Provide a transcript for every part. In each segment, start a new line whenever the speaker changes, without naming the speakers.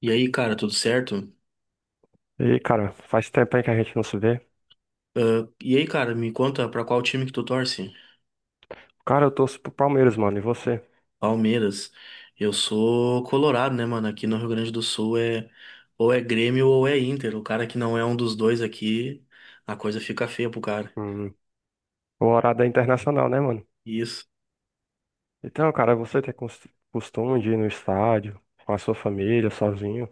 E aí, cara, tudo certo?
E, cara, faz tempo aí que a gente não se vê.
Ah, e aí, cara, me conta pra qual time que tu torce?
Cara, eu torço pro Palmeiras, mano. E você?
Palmeiras. Eu sou colorado, né, mano? Aqui no Rio Grande do Sul é ou é Grêmio ou é Inter. O cara que não é um dos dois aqui, a coisa fica feia pro cara.
Hum, o horário é internacional, né, mano?
Isso.
Então, cara, você tem costume de ir no estádio com a sua família, sozinho?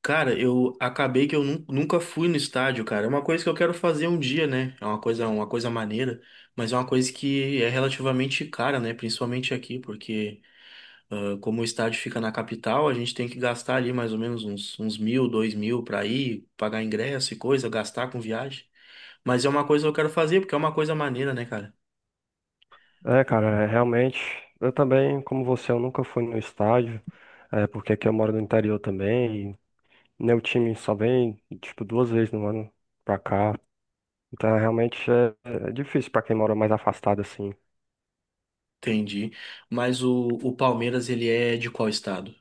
Cara, eu acabei que eu nunca fui no estádio, cara. É uma coisa que eu quero fazer um dia, né? É uma coisa maneira, mas é uma coisa que é relativamente cara, né? Principalmente aqui, porque como o estádio fica na capital, a gente tem que gastar ali mais ou menos uns mil, dois mil para ir, pagar ingresso e coisa, gastar com viagem. Mas é uma coisa que eu quero fazer, porque é uma coisa maneira, né, cara?
É, cara, é, realmente. Eu também, como você, eu nunca fui no estádio. É, porque aqui eu moro no interior também. E meu time só vem, tipo, duas vezes no ano pra cá. Então, realmente é, é difícil pra quem mora mais afastado, assim.
Entendi. Mas o Palmeiras, ele é de qual estado?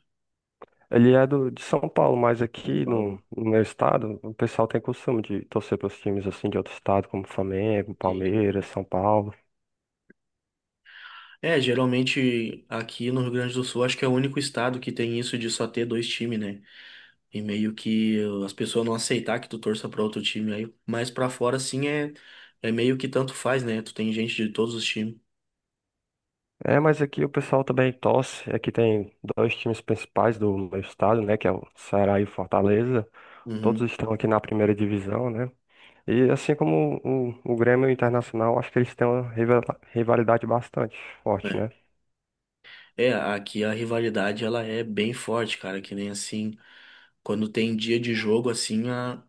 Ele é do, de São Paulo, mas
São
aqui
Paulo.
no meu estado, o pessoal tem costume de torcer para os times assim de outro estado, como Flamengo,
Entendi.
Palmeiras, São Paulo.
É, geralmente aqui no Rio Grande do Sul, acho que é o único estado que tem isso de só ter dois times, né? E meio que as pessoas não aceitar que tu torça pra outro time aí. Mas pra fora, sim, é, é meio que tanto faz, né? Tu tem gente de todos os times.
É, mas aqui o pessoal também torce. Aqui tem dois times principais do meu estado, né, que é o Ceará e o Fortaleza.
Uhum.
Todos estão aqui na primeira divisão, né? E assim como o Grêmio e o Internacional, acho que eles têm uma rivalidade bastante forte,
Né?
né?
É, aqui a rivalidade ela é bem forte, cara, que nem assim, quando tem dia de jogo assim,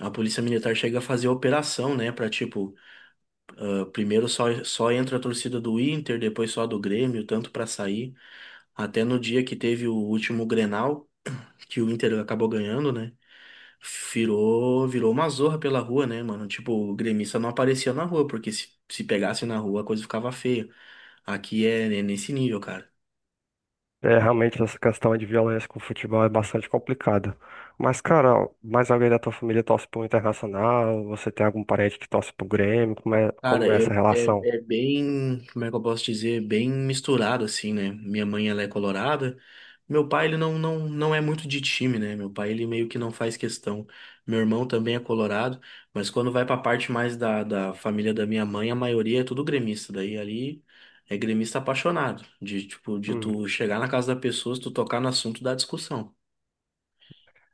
a Polícia Militar chega a fazer operação, né, pra, tipo, ah, primeiro só entra a torcida do Inter, depois só a do Grêmio, tanto pra sair, até no dia que teve o último Grenal, que o Inter acabou ganhando, né? Virou uma zorra pela rua, né, mano? Tipo, o gremista não aparecia na rua, porque se pegasse na rua a coisa ficava feia. Aqui é nesse nível, cara.
É, realmente essa questão de violência com o futebol é bastante complicada. Mas, cara, mais alguém da tua família torce pro Internacional? Você tem algum parente que torce pro Grêmio? Como
Cara,
é essa
eu é,
relação?
é bem, como é que eu posso dizer, bem misturado assim, né? Minha mãe ela é colorada. Meu pai ele não é muito de time, né? Meu pai ele meio que não faz questão. Meu irmão também é colorado, mas quando vai pra parte mais da família da minha mãe, a maioria é tudo gremista. Daí ali é gremista apaixonado, de tipo de
Hum.
tu chegar na casa da pessoa, se tu tocar no assunto da discussão.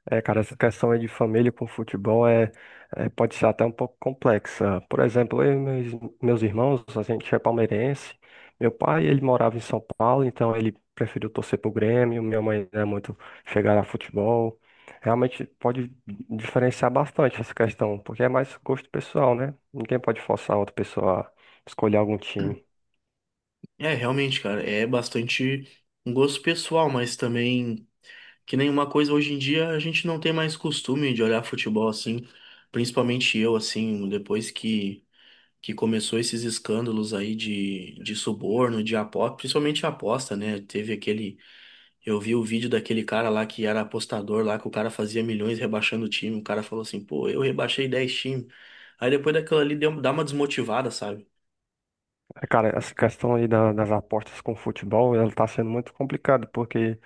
É, cara, essa questão aí de família com futebol é- pode ser até um pouco complexa. Por exemplo, eu e meus irmãos, a gente é palmeirense. Meu pai, ele morava em São Paulo, então ele preferiu torcer pro Grêmio. Minha mãe não é muito chegada a futebol. Realmente pode diferenciar bastante essa questão, porque é mais gosto pessoal, né? Ninguém pode forçar outra pessoa a escolher algum time.
É, realmente, cara, é bastante um gosto pessoal, mas também que nenhuma coisa hoje em dia a gente não tem mais costume de olhar futebol assim, principalmente eu assim, depois que começou esses escândalos aí de suborno, de aposta, principalmente aposta, né? Teve aquele, eu vi o vídeo daquele cara lá que era apostador lá que o cara fazia milhões rebaixando o time, o cara falou assim: "Pô, eu rebaixei 10 times". Aí depois daquilo ali deu, dá uma desmotivada, sabe?
É, cara, essa questão aí das apostas com futebol, ela tá sendo muito complicada, porque,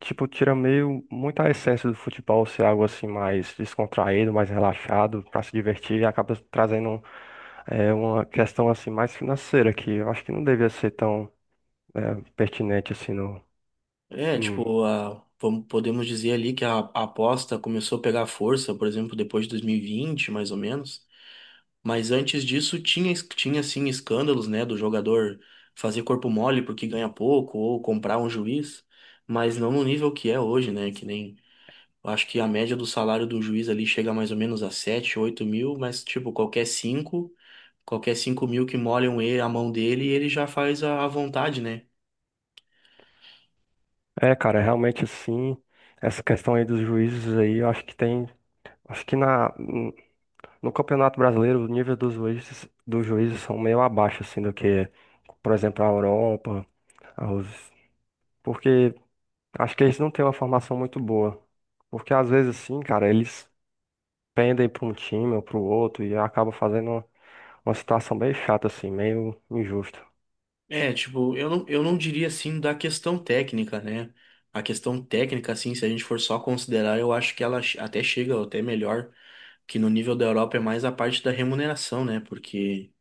tipo, tira meio muita essência do futebol ser algo assim mais descontraído, mais relaxado, pra se divertir, e acaba trazendo uma questão assim mais financeira, que eu acho que não devia ser tão pertinente assim no.
É,
Hum.
tipo, a, vamos- podemos dizer ali que a aposta começou a pegar força, por exemplo, depois de 2020, mais ou menos. Mas antes disso tinha, tinha sim escândalos, né, do jogador fazer corpo mole porque ganha pouco ou comprar um juiz, mas não no nível que é hoje, né, que nem eu acho que a média do salário do juiz ali chega mais ou menos a 7 8 mil, mas tipo, qualquer 5 mil que molham ele, a mão dele, ele já faz a vontade, né?
É, cara, realmente assim, essa questão aí dos juízes aí, eu acho que tem. Acho que na, No Campeonato Brasileiro, o nível dos juízes são meio abaixo, assim, do que, por exemplo, a Europa, aos... porque acho que eles não têm uma formação muito boa. Porque às vezes, assim, cara, eles pendem para um time ou para o outro e acaba fazendo uma situação bem chata, assim, meio injusta.
É, tipo, eu não diria assim da questão técnica, né? A questão técnica, assim, se a gente for só considerar, eu acho que ela até chega até melhor que no nível da Europa é mais a parte da remuneração, né? Porque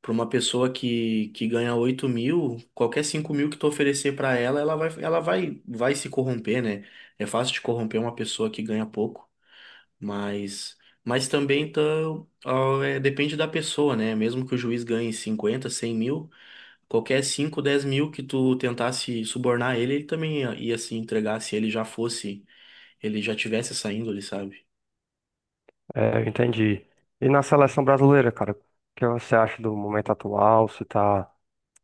para uma pessoa que ganha 8 mil, qualquer 5 mil que tu oferecer para ela, vai se corromper, né? É fácil de corromper uma pessoa que ganha pouco, mas, mas também tá, ó, é, depende da pessoa, né? Mesmo que o juiz ganhe 50, 100 mil, qualquer 5, 10 mil que tu tentasse subornar ele, ele também ia se entregar se ele ele já tivesse essa índole, sabe?
É, eu entendi. E na seleção brasileira, cara, o que você acha do momento atual? Se tá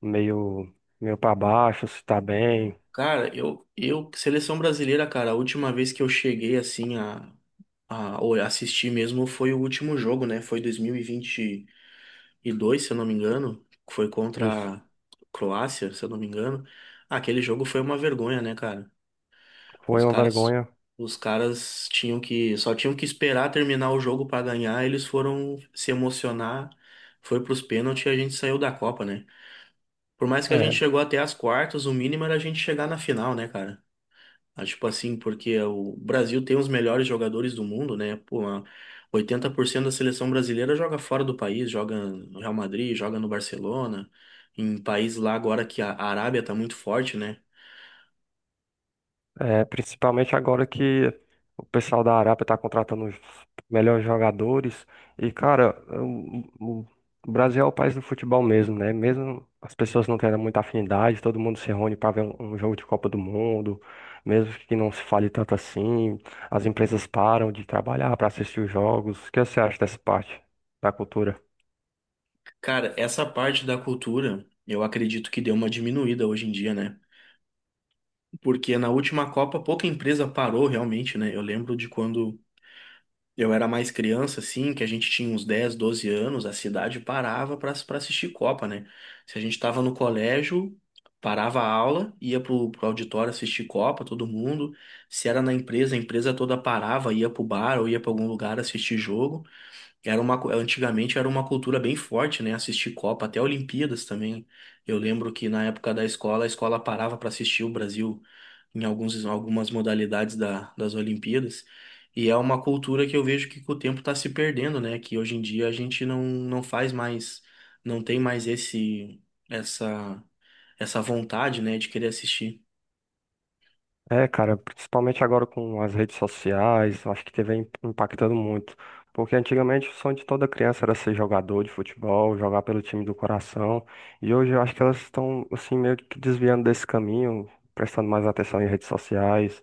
meio, meio para baixo, se tá bem?
Cara, seleção brasileira, cara, a última vez que eu cheguei assim a ou assistir mesmo foi o último jogo, né? Foi dois mil e vinte e dois se eu não me engano. Foi
Isso
contra a Croácia, se eu não me engano. Aquele jogo foi uma vergonha, né, cara?
foi
Os
uma
caras,
vergonha.
os caras tinham que, só tinham que esperar terminar o jogo pra ganhar. Eles foram se emocionar, foi pros pênaltis e a gente saiu da Copa, né? Por mais que a gente
É,
chegou até as quartas, o mínimo era a gente chegar na final, né, cara? Tipo assim, porque o Brasil tem os melhores jogadores do mundo, né? Pô, 80% da seleção brasileira joga fora do país, joga no Real Madrid, joga no Barcelona, em países lá agora que a Arábia tá muito forte, né?
É, principalmente agora que o pessoal da Arábia está contratando os melhores jogadores. E, cara, o- o Brasil é o país do futebol mesmo, né? Mesmo as pessoas não tendo muita afinidade, todo mundo se reúne para ver um, um jogo de Copa do Mundo, mesmo que não se fale tanto assim. As empresas param de trabalhar para assistir os jogos. O que você acha dessa parte da cultura?
Cara, essa parte da cultura, eu acredito que deu uma diminuída hoje em dia, né? Porque na última Copa pouca empresa parou realmente, né? Eu lembro de quando eu era mais criança, assim, que a gente tinha uns 10 12 anos, a cidade parava para assistir Copa, né? Se a gente tava no colégio, parava a aula, ia pro, pro auditório assistir Copa, todo mundo. Se era na empresa, a empresa toda parava, ia pro bar ou ia pra algum lugar assistir jogo. Era uma, antigamente era uma cultura bem forte, né? Assistir Copa, até Olimpíadas também. Eu lembro que na época da escola, a escola parava para assistir o Brasil em algumas modalidades das Olimpíadas. E é uma cultura que eu vejo que com o tempo está se perdendo, né? Que hoje em dia a gente não faz mais, não tem mais essa, essa vontade, né, de querer assistir.
É, cara, principalmente agora com as redes sociais, eu acho que teve impactando muito. Porque antigamente o sonho de toda criança era ser jogador de futebol, jogar pelo time do coração. E hoje eu acho que elas estão, assim, meio que desviando desse caminho, prestando mais atenção em redes sociais.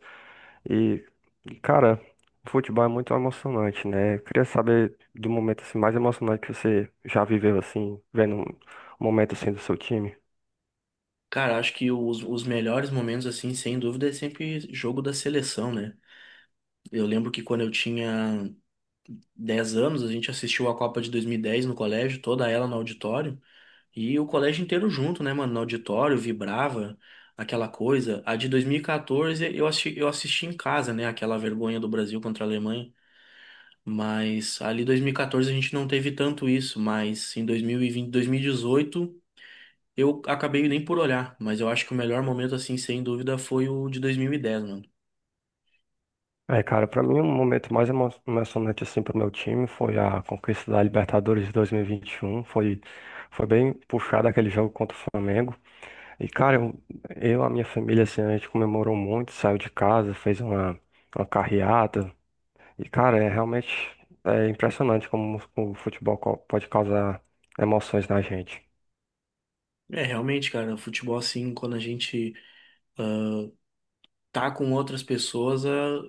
E, cara, o futebol é muito emocionante, né? Eu queria saber do momento assim, mais emocionante que você já viveu, assim, vendo um momento assim do seu time.
Cara, acho que os melhores momentos, assim, sem dúvida, é sempre jogo da seleção, né? Eu lembro que quando eu tinha 10 anos, a gente assistiu a Copa de 2010 no colégio, toda ela no auditório. E o colégio inteiro junto, né, mano? No auditório, vibrava aquela coisa. A de 2014 eu assisti em casa, né? Aquela vergonha do Brasil contra a Alemanha. Mas ali 2014 a gente não teve tanto isso. Mas em 2020, 2018 eu acabei nem por olhar. Mas eu acho que o melhor momento, assim, sem dúvida, foi o de 2010, mano.
É, cara, pra mim o momento mais emocionante assim pro meu time foi a conquista da Libertadores de 2021. Foi bem puxado aquele jogo contra o Flamengo. E, cara, eu, a minha família, assim, a gente comemorou muito, saiu de casa, fez uma carreata. E, cara, é realmente é impressionante como o futebol pode causar emoções na gente.
É, realmente, cara, o futebol, assim, quando a gente tá com outras pessoas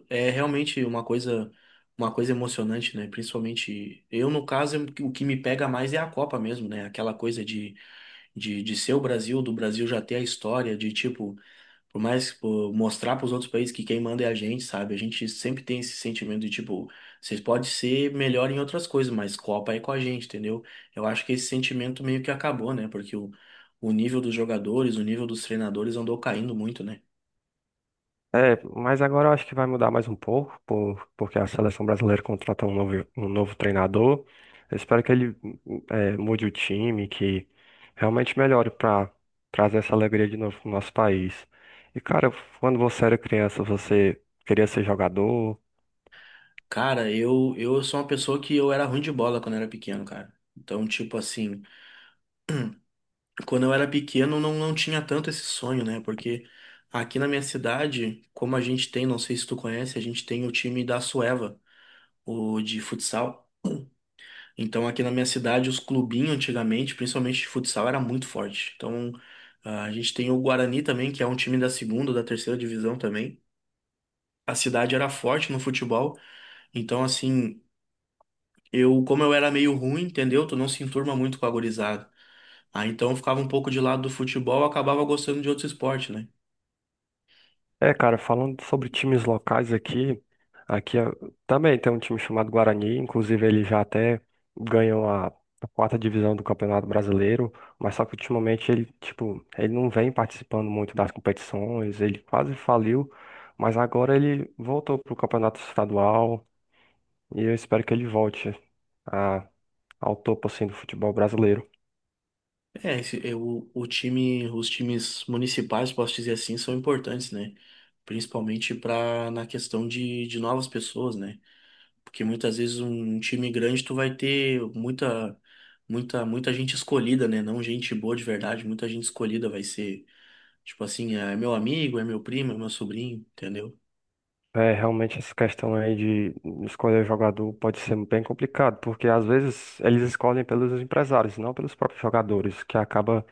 é, é realmente uma coisa emocionante, né? Principalmente eu, no caso, eu- o que me pega mais é a Copa mesmo, né? Aquela coisa de ser o Brasil, do Brasil já ter a história, de tipo, por mais pô, mostrar para os outros países que quem manda é a gente, sabe? A gente sempre tem esse sentimento de tipo, vocês podem ser melhor em outras coisas, mas Copa é com a gente, entendeu? Eu acho que esse sentimento meio que acabou, né? Porque o nível dos jogadores, o nível dos treinadores andou caindo muito, né?
É, mas agora eu acho que vai mudar mais um pouco, porque a seleção brasileira contratou um novo treinador. Eu espero que ele mude o time, que realmente melhore para trazer essa alegria de novo pro nosso país. E cara, quando você era criança, você queria ser jogador?
Cara, eu sou uma pessoa que eu era ruim de bola quando eu era pequeno, cara. Então, tipo assim, quando eu era pequeno não tinha tanto esse sonho, né? Porque aqui na minha cidade, como a gente tem, não sei se tu conhece, a gente tem o time da Sueva, o de futsal. Então, aqui na minha cidade, os clubinhos antigamente, principalmente de futsal, era muito forte. Então, a gente tem o Guarani também, que é um time da segunda, da terceira divisão também. A cidade era forte no futebol, então assim. Eu, como eu era meio ruim, entendeu? Tu não se enturma muito com a gurizada. Ah, então eu ficava um pouco de lado do futebol, eu acabava gostando de outro esporte, né?
É, cara, falando sobre times locais aqui, aqui eh, também tem um time chamado Guarani, inclusive ele já até ganhou a 4ª divisão do Campeonato Brasileiro, mas só que ultimamente ele, tipo, ele não vem participando muito das competições, ele quase faliu, mas agora ele voltou pro Campeonato Estadual e eu espero que ele volte a- ao topo, assim, do futebol brasileiro.
É, esse, eu, o time, os times municipais, posso dizer assim, são importantes, né? Principalmente para na questão de novas pessoas, né? Porque muitas vezes um time grande tu vai ter muita muita gente escolhida, né? Não gente boa de verdade, muita gente escolhida vai ser, tipo assim, é meu amigo, é meu primo, é meu sobrinho, entendeu?
É, realmente essa questão aí de escolher jogador pode ser bem complicado, porque às vezes eles escolhem pelos empresários, não pelos próprios jogadores, que acaba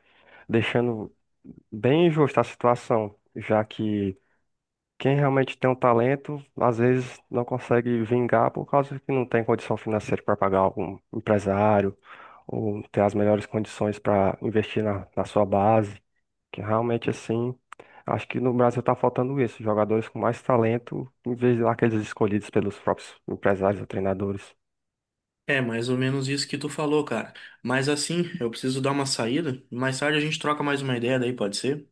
deixando bem injusta a situação, já que quem realmente tem um talento, às vezes não consegue vingar por causa que não tem condição financeira para pagar algum empresário, ou ter as melhores condições para investir na, na sua base. Que realmente assim, acho que no Brasil tá faltando isso, jogadores com mais talento, em vez daqueles escolhidos pelos próprios empresários ou treinadores.
É mais ou menos isso que tu falou, cara. Mas assim, eu preciso dar uma saída. Mais tarde a gente troca mais uma ideia daí, pode ser?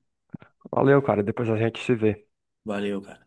Valeu, cara, depois a gente se vê.
Valeu, cara.